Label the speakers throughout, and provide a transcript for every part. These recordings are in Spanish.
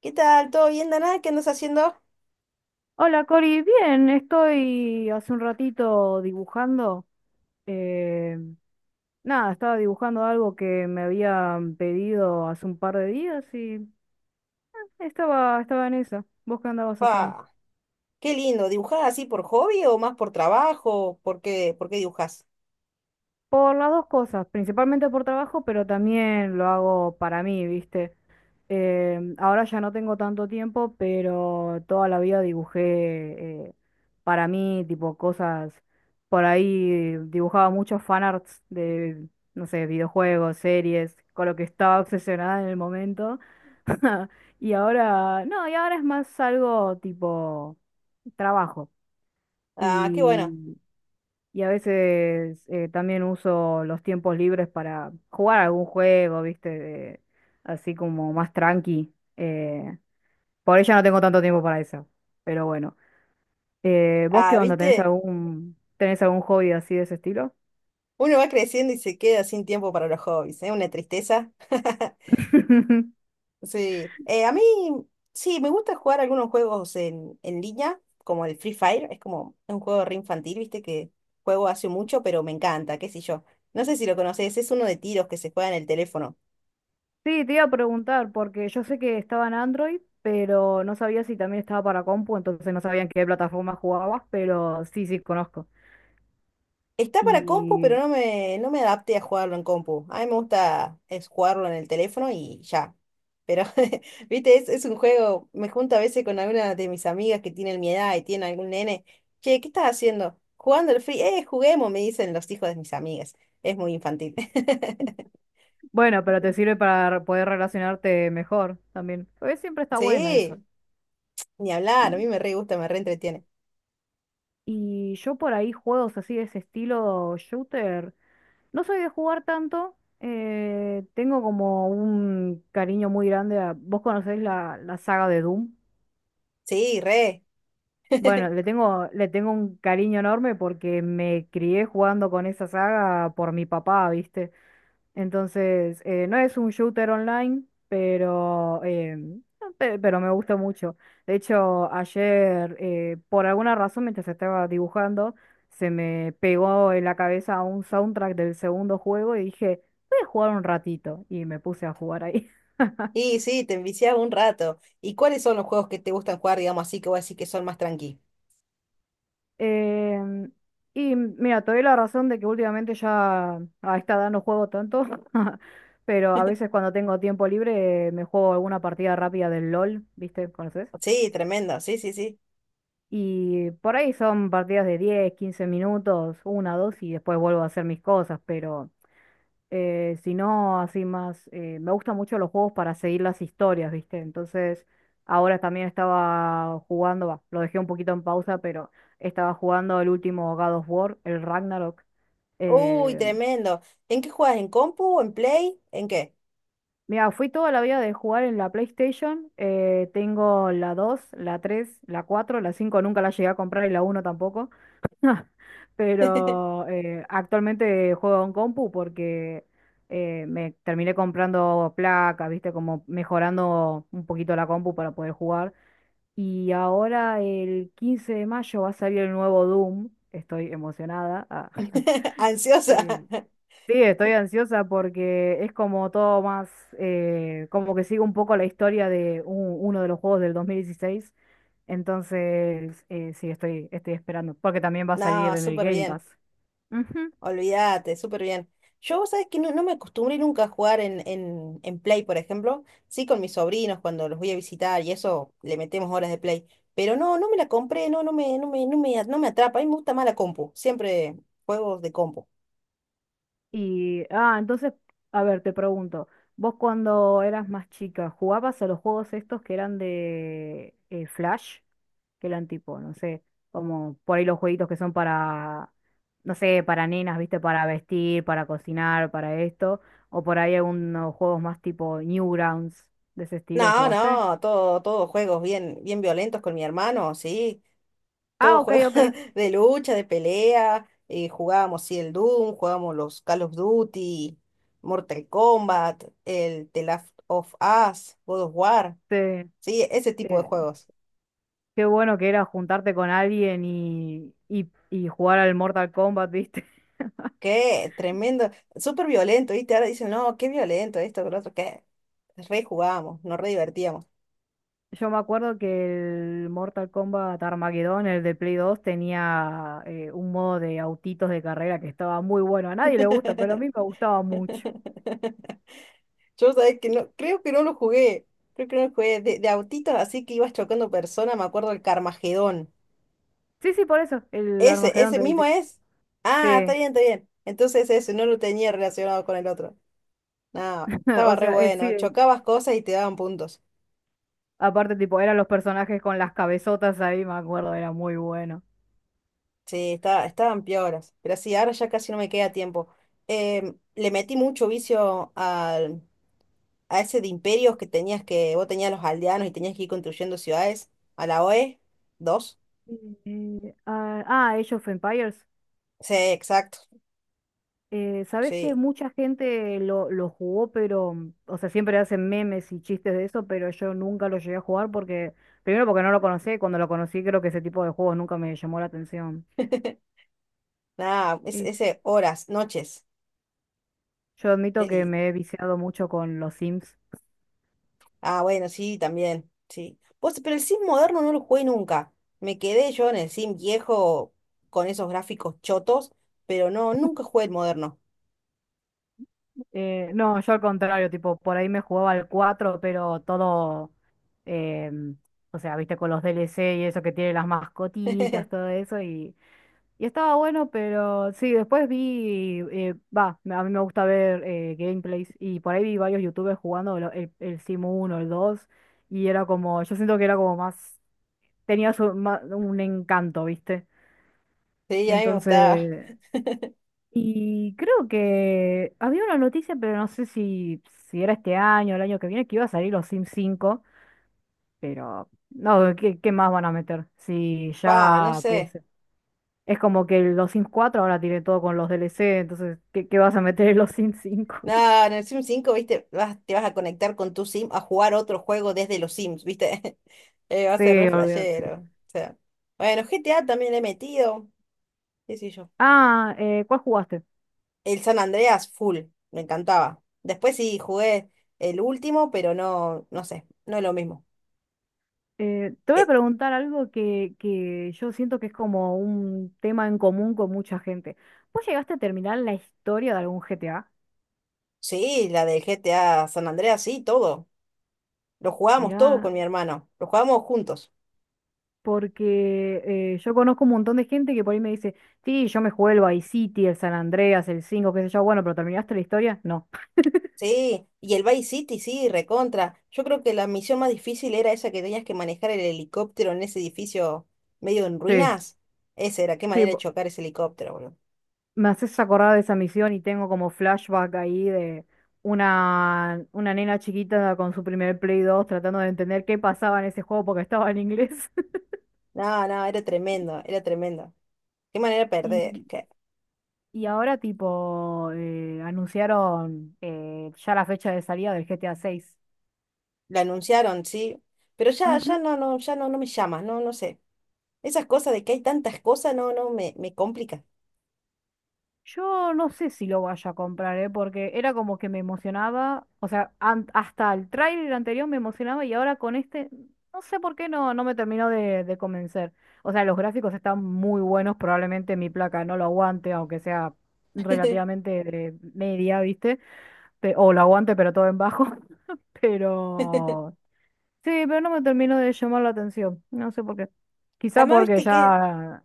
Speaker 1: ¿Qué tal? ¿Todo bien, Dana? ¿Qué andas haciendo?
Speaker 2: Hola Cori, bien, estoy hace un ratito dibujando. eh, nada, estaba dibujando algo que me habían pedido hace un par de días y estaba en esa. ¿Vos qué andabas haciendo?
Speaker 1: Pa, qué lindo. ¿Dibujás así por hobby o más por trabajo? ¿Por qué dibujás?
Speaker 2: Por las dos cosas, principalmente por trabajo, pero también lo hago para mí, ¿viste? Ahora ya no tengo tanto tiempo, pero toda la vida dibujé para mí, tipo cosas. Por ahí dibujaba muchos fanarts de, no sé, videojuegos, series, con lo que estaba obsesionada en el momento. Y ahora, no, y ahora es más algo tipo trabajo.
Speaker 1: Ah, qué bueno.
Speaker 2: y y a veces también uso los tiempos libres para jugar algún juego, ¿viste? Así como más tranqui. Por ahí ya no tengo tanto tiempo para eso. Pero bueno. ¿Vos qué
Speaker 1: Ah,
Speaker 2: onda? ¿Tenés
Speaker 1: ¿viste?
Speaker 2: algún, tenés algún hobby así de ese estilo?
Speaker 1: Uno va creciendo y se queda sin tiempo para los hobbies, ¿eh? Una tristeza. Sí. A mí, sí, me gusta jugar algunos juegos en línea, como el Free Fire. Es como un juego re infantil, ¿viste? Que juego hace mucho, pero me encanta, qué sé yo. No sé si lo conoces, es uno de tiros que se juega en el teléfono.
Speaker 2: Sí, te iba a preguntar, porque yo sé que estaba en Android, pero no sabía si también estaba para compu, entonces no sabía en qué plataforma jugabas, pero sí, sí, conozco.
Speaker 1: Está para compu, pero
Speaker 2: Y,
Speaker 1: no me adapté a jugarlo en compu. A mí me gusta es jugarlo en el teléfono y ya. Pero, viste, es un juego. Me junto a veces con alguna de mis amigas que tienen mi edad y tienen algún nene. Che, ¿qué estás haciendo? Jugando el free. Juguemos, me dicen los hijos de mis amigas. Es muy infantil.
Speaker 2: bueno, pero te sirve para poder relacionarte mejor también. Porque siempre está bueno eso.
Speaker 1: Sí, ni hablar. A mí
Speaker 2: Y,
Speaker 1: me re gusta, me re entretiene.
Speaker 2: y yo por ahí juegos así de ese estilo shooter, no soy de jugar tanto. Tengo como un cariño muy grande a... ¿Vos conocés la saga de Doom?
Speaker 1: Sí, re.
Speaker 2: Bueno, le tengo un cariño enorme porque me crié jugando con esa saga por mi papá, ¿viste? Entonces, no es un shooter online, pero, no, pero me gusta mucho. De hecho, ayer, por alguna razón, mientras estaba dibujando, se me pegó en la cabeza un soundtrack del segundo juego y dije, voy a jugar un ratito. Y me puse a jugar ahí.
Speaker 1: Y sí, te enviciaba un rato. ¿Y cuáles son los juegos que te gustan jugar, digamos así, que voy a decir que son más tranqui?
Speaker 2: Em, y mira, te doy la razón de que últimamente ya a esta edad no juego tanto, pero a veces cuando tengo tiempo libre me juego alguna partida rápida del LOL, ¿viste? ¿Conoces?
Speaker 1: Sí, tremendo, sí, sí, sí.
Speaker 2: Y por ahí son partidos de 10, 15 minutos, una, dos, y después vuelvo a hacer mis cosas, pero si no, así más, me gustan mucho los juegos para seguir las historias, ¿viste? Entonces, ahora también estaba jugando, va, lo dejé un poquito en pausa, pero estaba jugando el último God of War, el Ragnarok.
Speaker 1: Uy,
Speaker 2: Eh,
Speaker 1: tremendo. ¿En qué juegas? ¿En compu? ¿En play? ¿En qué?
Speaker 2: mira, fui toda la vida de jugar en la PlayStation. Tengo la dos, la tres, la cuatro, la 5 nunca la llegué a comprar, y la uno tampoco. Pero actualmente juego en compu porque me terminé comprando placas, viste, como mejorando un poquito la compu para poder jugar. Y ahora el 15 de mayo va a salir el nuevo Doom. Estoy emocionada. Ah.
Speaker 1: ¿Ansiosa?
Speaker 2: Eh, sí, estoy ansiosa porque es como todo más, como que sigue un poco la historia de uno de los juegos del 2016. Entonces, sí, estoy esperando, porque también va a
Speaker 1: No,
Speaker 2: salir en el
Speaker 1: súper
Speaker 2: Game
Speaker 1: bien.
Speaker 2: Pass. Ujú.
Speaker 1: Olvídate, súper bien. Yo, vos sabés que no, no me acostumbré nunca a jugar en Play, por ejemplo. Sí, con mis sobrinos cuando los voy a visitar y eso, le metemos horas de Play. Pero no, no me la compré, no, no me atrapa. A mí me gusta más la compu. Siempre juegos de compu.
Speaker 2: Y, entonces, a ver, te pregunto, vos cuando eras más chica, ¿jugabas a los juegos estos que eran de Flash? Que eran tipo, no sé, como por ahí los jueguitos que son para, no sé, para nenas, viste, para vestir, para cocinar, para esto, o por ahí algunos juegos más tipo Newgrounds, de ese estilo,
Speaker 1: No,
Speaker 2: ¿jugaste?
Speaker 1: no, todos juegos bien, bien violentos con mi hermano, sí, todo
Speaker 2: Ah, ok,
Speaker 1: juego
Speaker 2: ok.
Speaker 1: de lucha, de pelea, jugábamos sí, el Doom, jugábamos los Call of Duty, Mortal Kombat, el The Last of Us, God of War,
Speaker 2: Te-
Speaker 1: sí, ese tipo de
Speaker 2: eh,
Speaker 1: juegos.
Speaker 2: qué bueno que era juntarte con alguien y jugar al Mortal Kombat, viste.
Speaker 1: Qué tremendo, súper violento, ¿viste? Ahora dicen, no, qué violento esto, que lo otro, qué. Re jugábamos, nos re divertíamos.
Speaker 2: Yo me acuerdo que el Mortal Kombat Armageddon, el de Play 2 tenía un modo de autitos de carrera que estaba muy bueno. A nadie le gusta, pero a mí me gustaba mucho.
Speaker 1: Yo sabés que no, creo que no lo jugué, creo que no lo jugué, de autitos así que ibas chocando personas, me acuerdo del Carmagedón.
Speaker 2: Sí, sí, por eso, el
Speaker 1: Ese,
Speaker 2: Armageddon
Speaker 1: ese
Speaker 2: te
Speaker 1: mismo
Speaker 2: decía.
Speaker 1: es. Ah, está
Speaker 2: Sí,
Speaker 1: bien, está bien. Entonces ese, no lo tenía relacionado con el otro. No, estaba
Speaker 2: o
Speaker 1: re
Speaker 2: sea,
Speaker 1: bueno.
Speaker 2: sí,
Speaker 1: Chocabas cosas y te daban puntos.
Speaker 2: aparte tipo, eran los personajes con las cabezotas ahí, me acuerdo, era muy bueno.
Speaker 1: Sí, estaban pioras. Pero sí, ahora ya casi no me queda tiempo. Le metí mucho vicio a ese de imperios que tenías que, vos tenías los aldeanos y tenías que ir construyendo ciudades. A la OE, dos.
Speaker 2: Age of Empires.
Speaker 1: Sí, exacto.
Speaker 2: Sabes que
Speaker 1: Sí.
Speaker 2: mucha gente lo jugó, pero, o sea, siempre hacen memes y chistes de eso, pero yo nunca lo llegué a jugar porque, primero porque no lo conocí, y cuando lo conocí creo que ese tipo de juegos nunca me llamó la atención.
Speaker 1: Nada, es
Speaker 2: Y
Speaker 1: ese horas, noches.
Speaker 2: yo
Speaker 1: Qué
Speaker 2: admito que
Speaker 1: lindo.
Speaker 2: me he viciado mucho con los Sims.
Speaker 1: Ah, bueno, sí, también, sí. Vos, pero el Sim moderno no lo jugué nunca. Me quedé yo en el Sim viejo con esos gráficos chotos, pero no, nunca jugué el moderno.
Speaker 2: No, yo al contrario, tipo, por ahí me jugaba al 4 pero todo, em, o sea, viste, con los DLC y eso que tiene las mascotitas, todo eso, y estaba bueno, pero sí, después vi, va, a mí me gusta ver gameplays y por ahí vi varios youtubers jugando el Simu uno, el dos, y era como, yo siento que era como más, tenía un encanto, ¿viste?
Speaker 1: Sí, a mí me gustaba.
Speaker 2: Entonces, y creo que había una noticia, pero no sé si, era este año o el año que viene, que iba a salir los Sims cinco, pero no, ¿qué más van a meter? Si
Speaker 1: Pa, no
Speaker 2: ya
Speaker 1: sé.
Speaker 2: es como que los Sims 4 ahora tiene todo con los DLC, entonces, ¿qué vas a meter en los Sims cinco?
Speaker 1: Nada, en el Sim 5, viste, te vas a conectar con tu Sim a jugar otro juego desde los Sims, viste. Va a ser
Speaker 2: Sí,
Speaker 1: re
Speaker 2: olvídate.
Speaker 1: flashero. O sea. Bueno, GTA también le he metido. Qué sé yo.
Speaker 2: ¿Cuál jugaste?
Speaker 1: El San Andreas, full, me encantaba. Después sí jugué el último, pero no, no sé, no es lo mismo.
Speaker 2: Te voy a
Speaker 1: Eh,
Speaker 2: preguntar algo que yo siento que es como un tema en común con mucha gente. ¿Vos llegaste a terminar la historia de algún GTA?
Speaker 1: sí, la del GTA San Andreas, sí, todo. Lo jugábamos todo
Speaker 2: Mirá,
Speaker 1: con mi hermano, lo jugábamos juntos.
Speaker 2: porque yo conozco un montón de gente que por ahí me dice, sí, yo me jugué el Vice City, el San Andreas, el 5 qué sé yo, bueno, pero ¿terminaste la historia? No.
Speaker 1: Sí, y el Vice City, sí, recontra. Yo creo que la misión más difícil era esa que tenías que manejar el helicóptero en ese edificio medio en
Speaker 2: Sí.
Speaker 1: ruinas. Esa era, qué
Speaker 2: Sí,
Speaker 1: manera de chocar ese helicóptero, boludo.
Speaker 2: me haces acordar de esa misión y tengo como flashback ahí de una nena chiquita con su primer Play 2 tratando de entender qué pasaba en ese juego porque estaba en inglés.
Speaker 1: No, no, era tremendo, era tremendo. Qué manera de perder.
Speaker 2: Y, y ahora tipo anunciaron ya la fecha de salida del GTA 6.
Speaker 1: La anunciaron, sí, pero ya, ya no, no, ya no, no me llama, no, no sé. Esas cosas de que hay tantas cosas, no, no, me complica.
Speaker 2: Yo no sé si lo vaya a comprar, ¿eh? Porque era como que me emocionaba, o sea, hasta el tráiler anterior me emocionaba y ahora con este, no sé por qué no, no me terminó de convencer. O sea, los gráficos están muy buenos, probablemente mi placa no lo aguante, aunque sea relativamente de media, ¿viste? O lo aguante, pero todo en bajo. Pero sí, pero no me terminó de llamar la atención, no sé por qué. Quizá
Speaker 1: Además,
Speaker 2: porque
Speaker 1: viste que
Speaker 2: ya,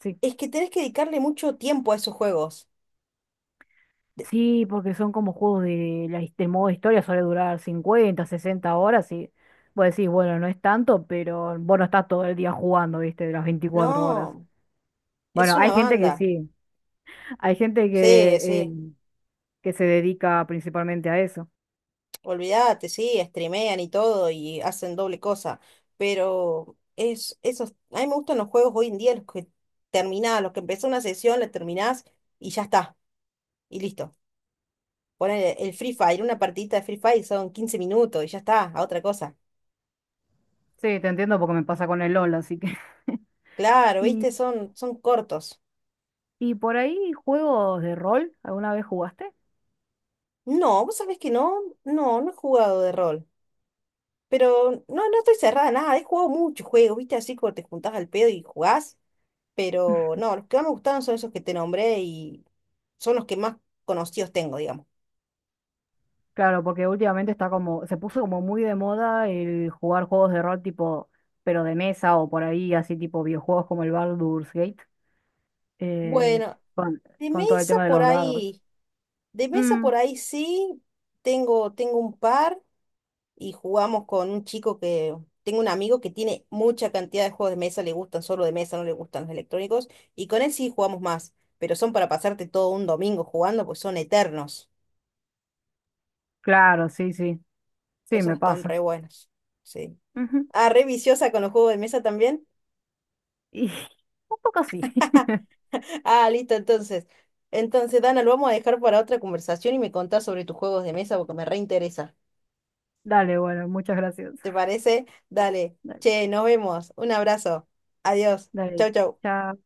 Speaker 2: sí.
Speaker 1: es que tenés que dedicarle mucho tiempo a esos juegos. De-
Speaker 2: Sí, porque son como juegos de del modo historia, suele durar 50, 60 horas y vos decís, bueno, no es tanto, pero vos no estás todo el día jugando, viste, de las
Speaker 1: No,
Speaker 2: 24 horas.
Speaker 1: es
Speaker 2: Bueno,
Speaker 1: una
Speaker 2: hay gente que
Speaker 1: banda.
Speaker 2: sí, hay gente
Speaker 1: Sí, sí,
Speaker 2: que se dedica principalmente a eso.
Speaker 1: olvídate, sí, streamean y todo y hacen doble cosa, pero esos, a mí me gustan los juegos hoy en día, los que terminás, los que empezás una sesión, la terminás y ya está, y listo. Poner el Free Fire, una partidita de Free Fire son 15 minutos y ya está, a otra cosa.
Speaker 2: Sí, te entiendo porque me pasa con el LOL, así que...
Speaker 1: Claro,
Speaker 2: Y,
Speaker 1: ¿viste? Son cortos.
Speaker 2: y por ahí, juegos de rol, ¿alguna vez jugaste?
Speaker 1: No, vos sabés que no, no, no he jugado de rol. Pero no, no estoy cerrada a nada, he jugado muchos juegos, ¿viste? Así como te juntás al pedo y jugás. Pero no, los que más me gustaron son esos que te nombré y son los que más conocidos tengo, digamos.
Speaker 2: Claro, porque últimamente está como, se puso como muy de moda el jugar juegos de rol tipo, pero de mesa o por ahí, así tipo videojuegos como el Baldur's Gate, eh,
Speaker 1: Bueno,
Speaker 2: con,
Speaker 1: de
Speaker 2: con todo el
Speaker 1: mesa
Speaker 2: tema de
Speaker 1: por
Speaker 2: los dados.
Speaker 1: ahí, de mesa
Speaker 2: Mm,
Speaker 1: por ahí sí, tengo un par. Y jugamos con un chico que, tengo un amigo que tiene mucha cantidad de juegos de mesa, le gustan solo de mesa, no le gustan los electrónicos, y con él sí jugamos más, pero son para pasarte todo un domingo jugando, pues son eternos.
Speaker 2: claro, sí, sí, sí,
Speaker 1: Esos
Speaker 2: me
Speaker 1: están
Speaker 2: pasa.
Speaker 1: re buenos. Sí.
Speaker 2: Ujú.
Speaker 1: Ah, re viciosa con los juegos de mesa también.
Speaker 2: Y un poco sí.
Speaker 1: Ah, listo, entonces. Entonces, Dana, lo vamos a dejar para otra conversación y me contás sobre tus juegos de mesa porque me reinteresa.
Speaker 2: Dale, bueno, muchas gracias.
Speaker 1: ¿Te parece? Dale.
Speaker 2: Dale,
Speaker 1: Che, nos vemos. Un abrazo. Adiós.
Speaker 2: dale,
Speaker 1: Chau, chau.
Speaker 2: chao.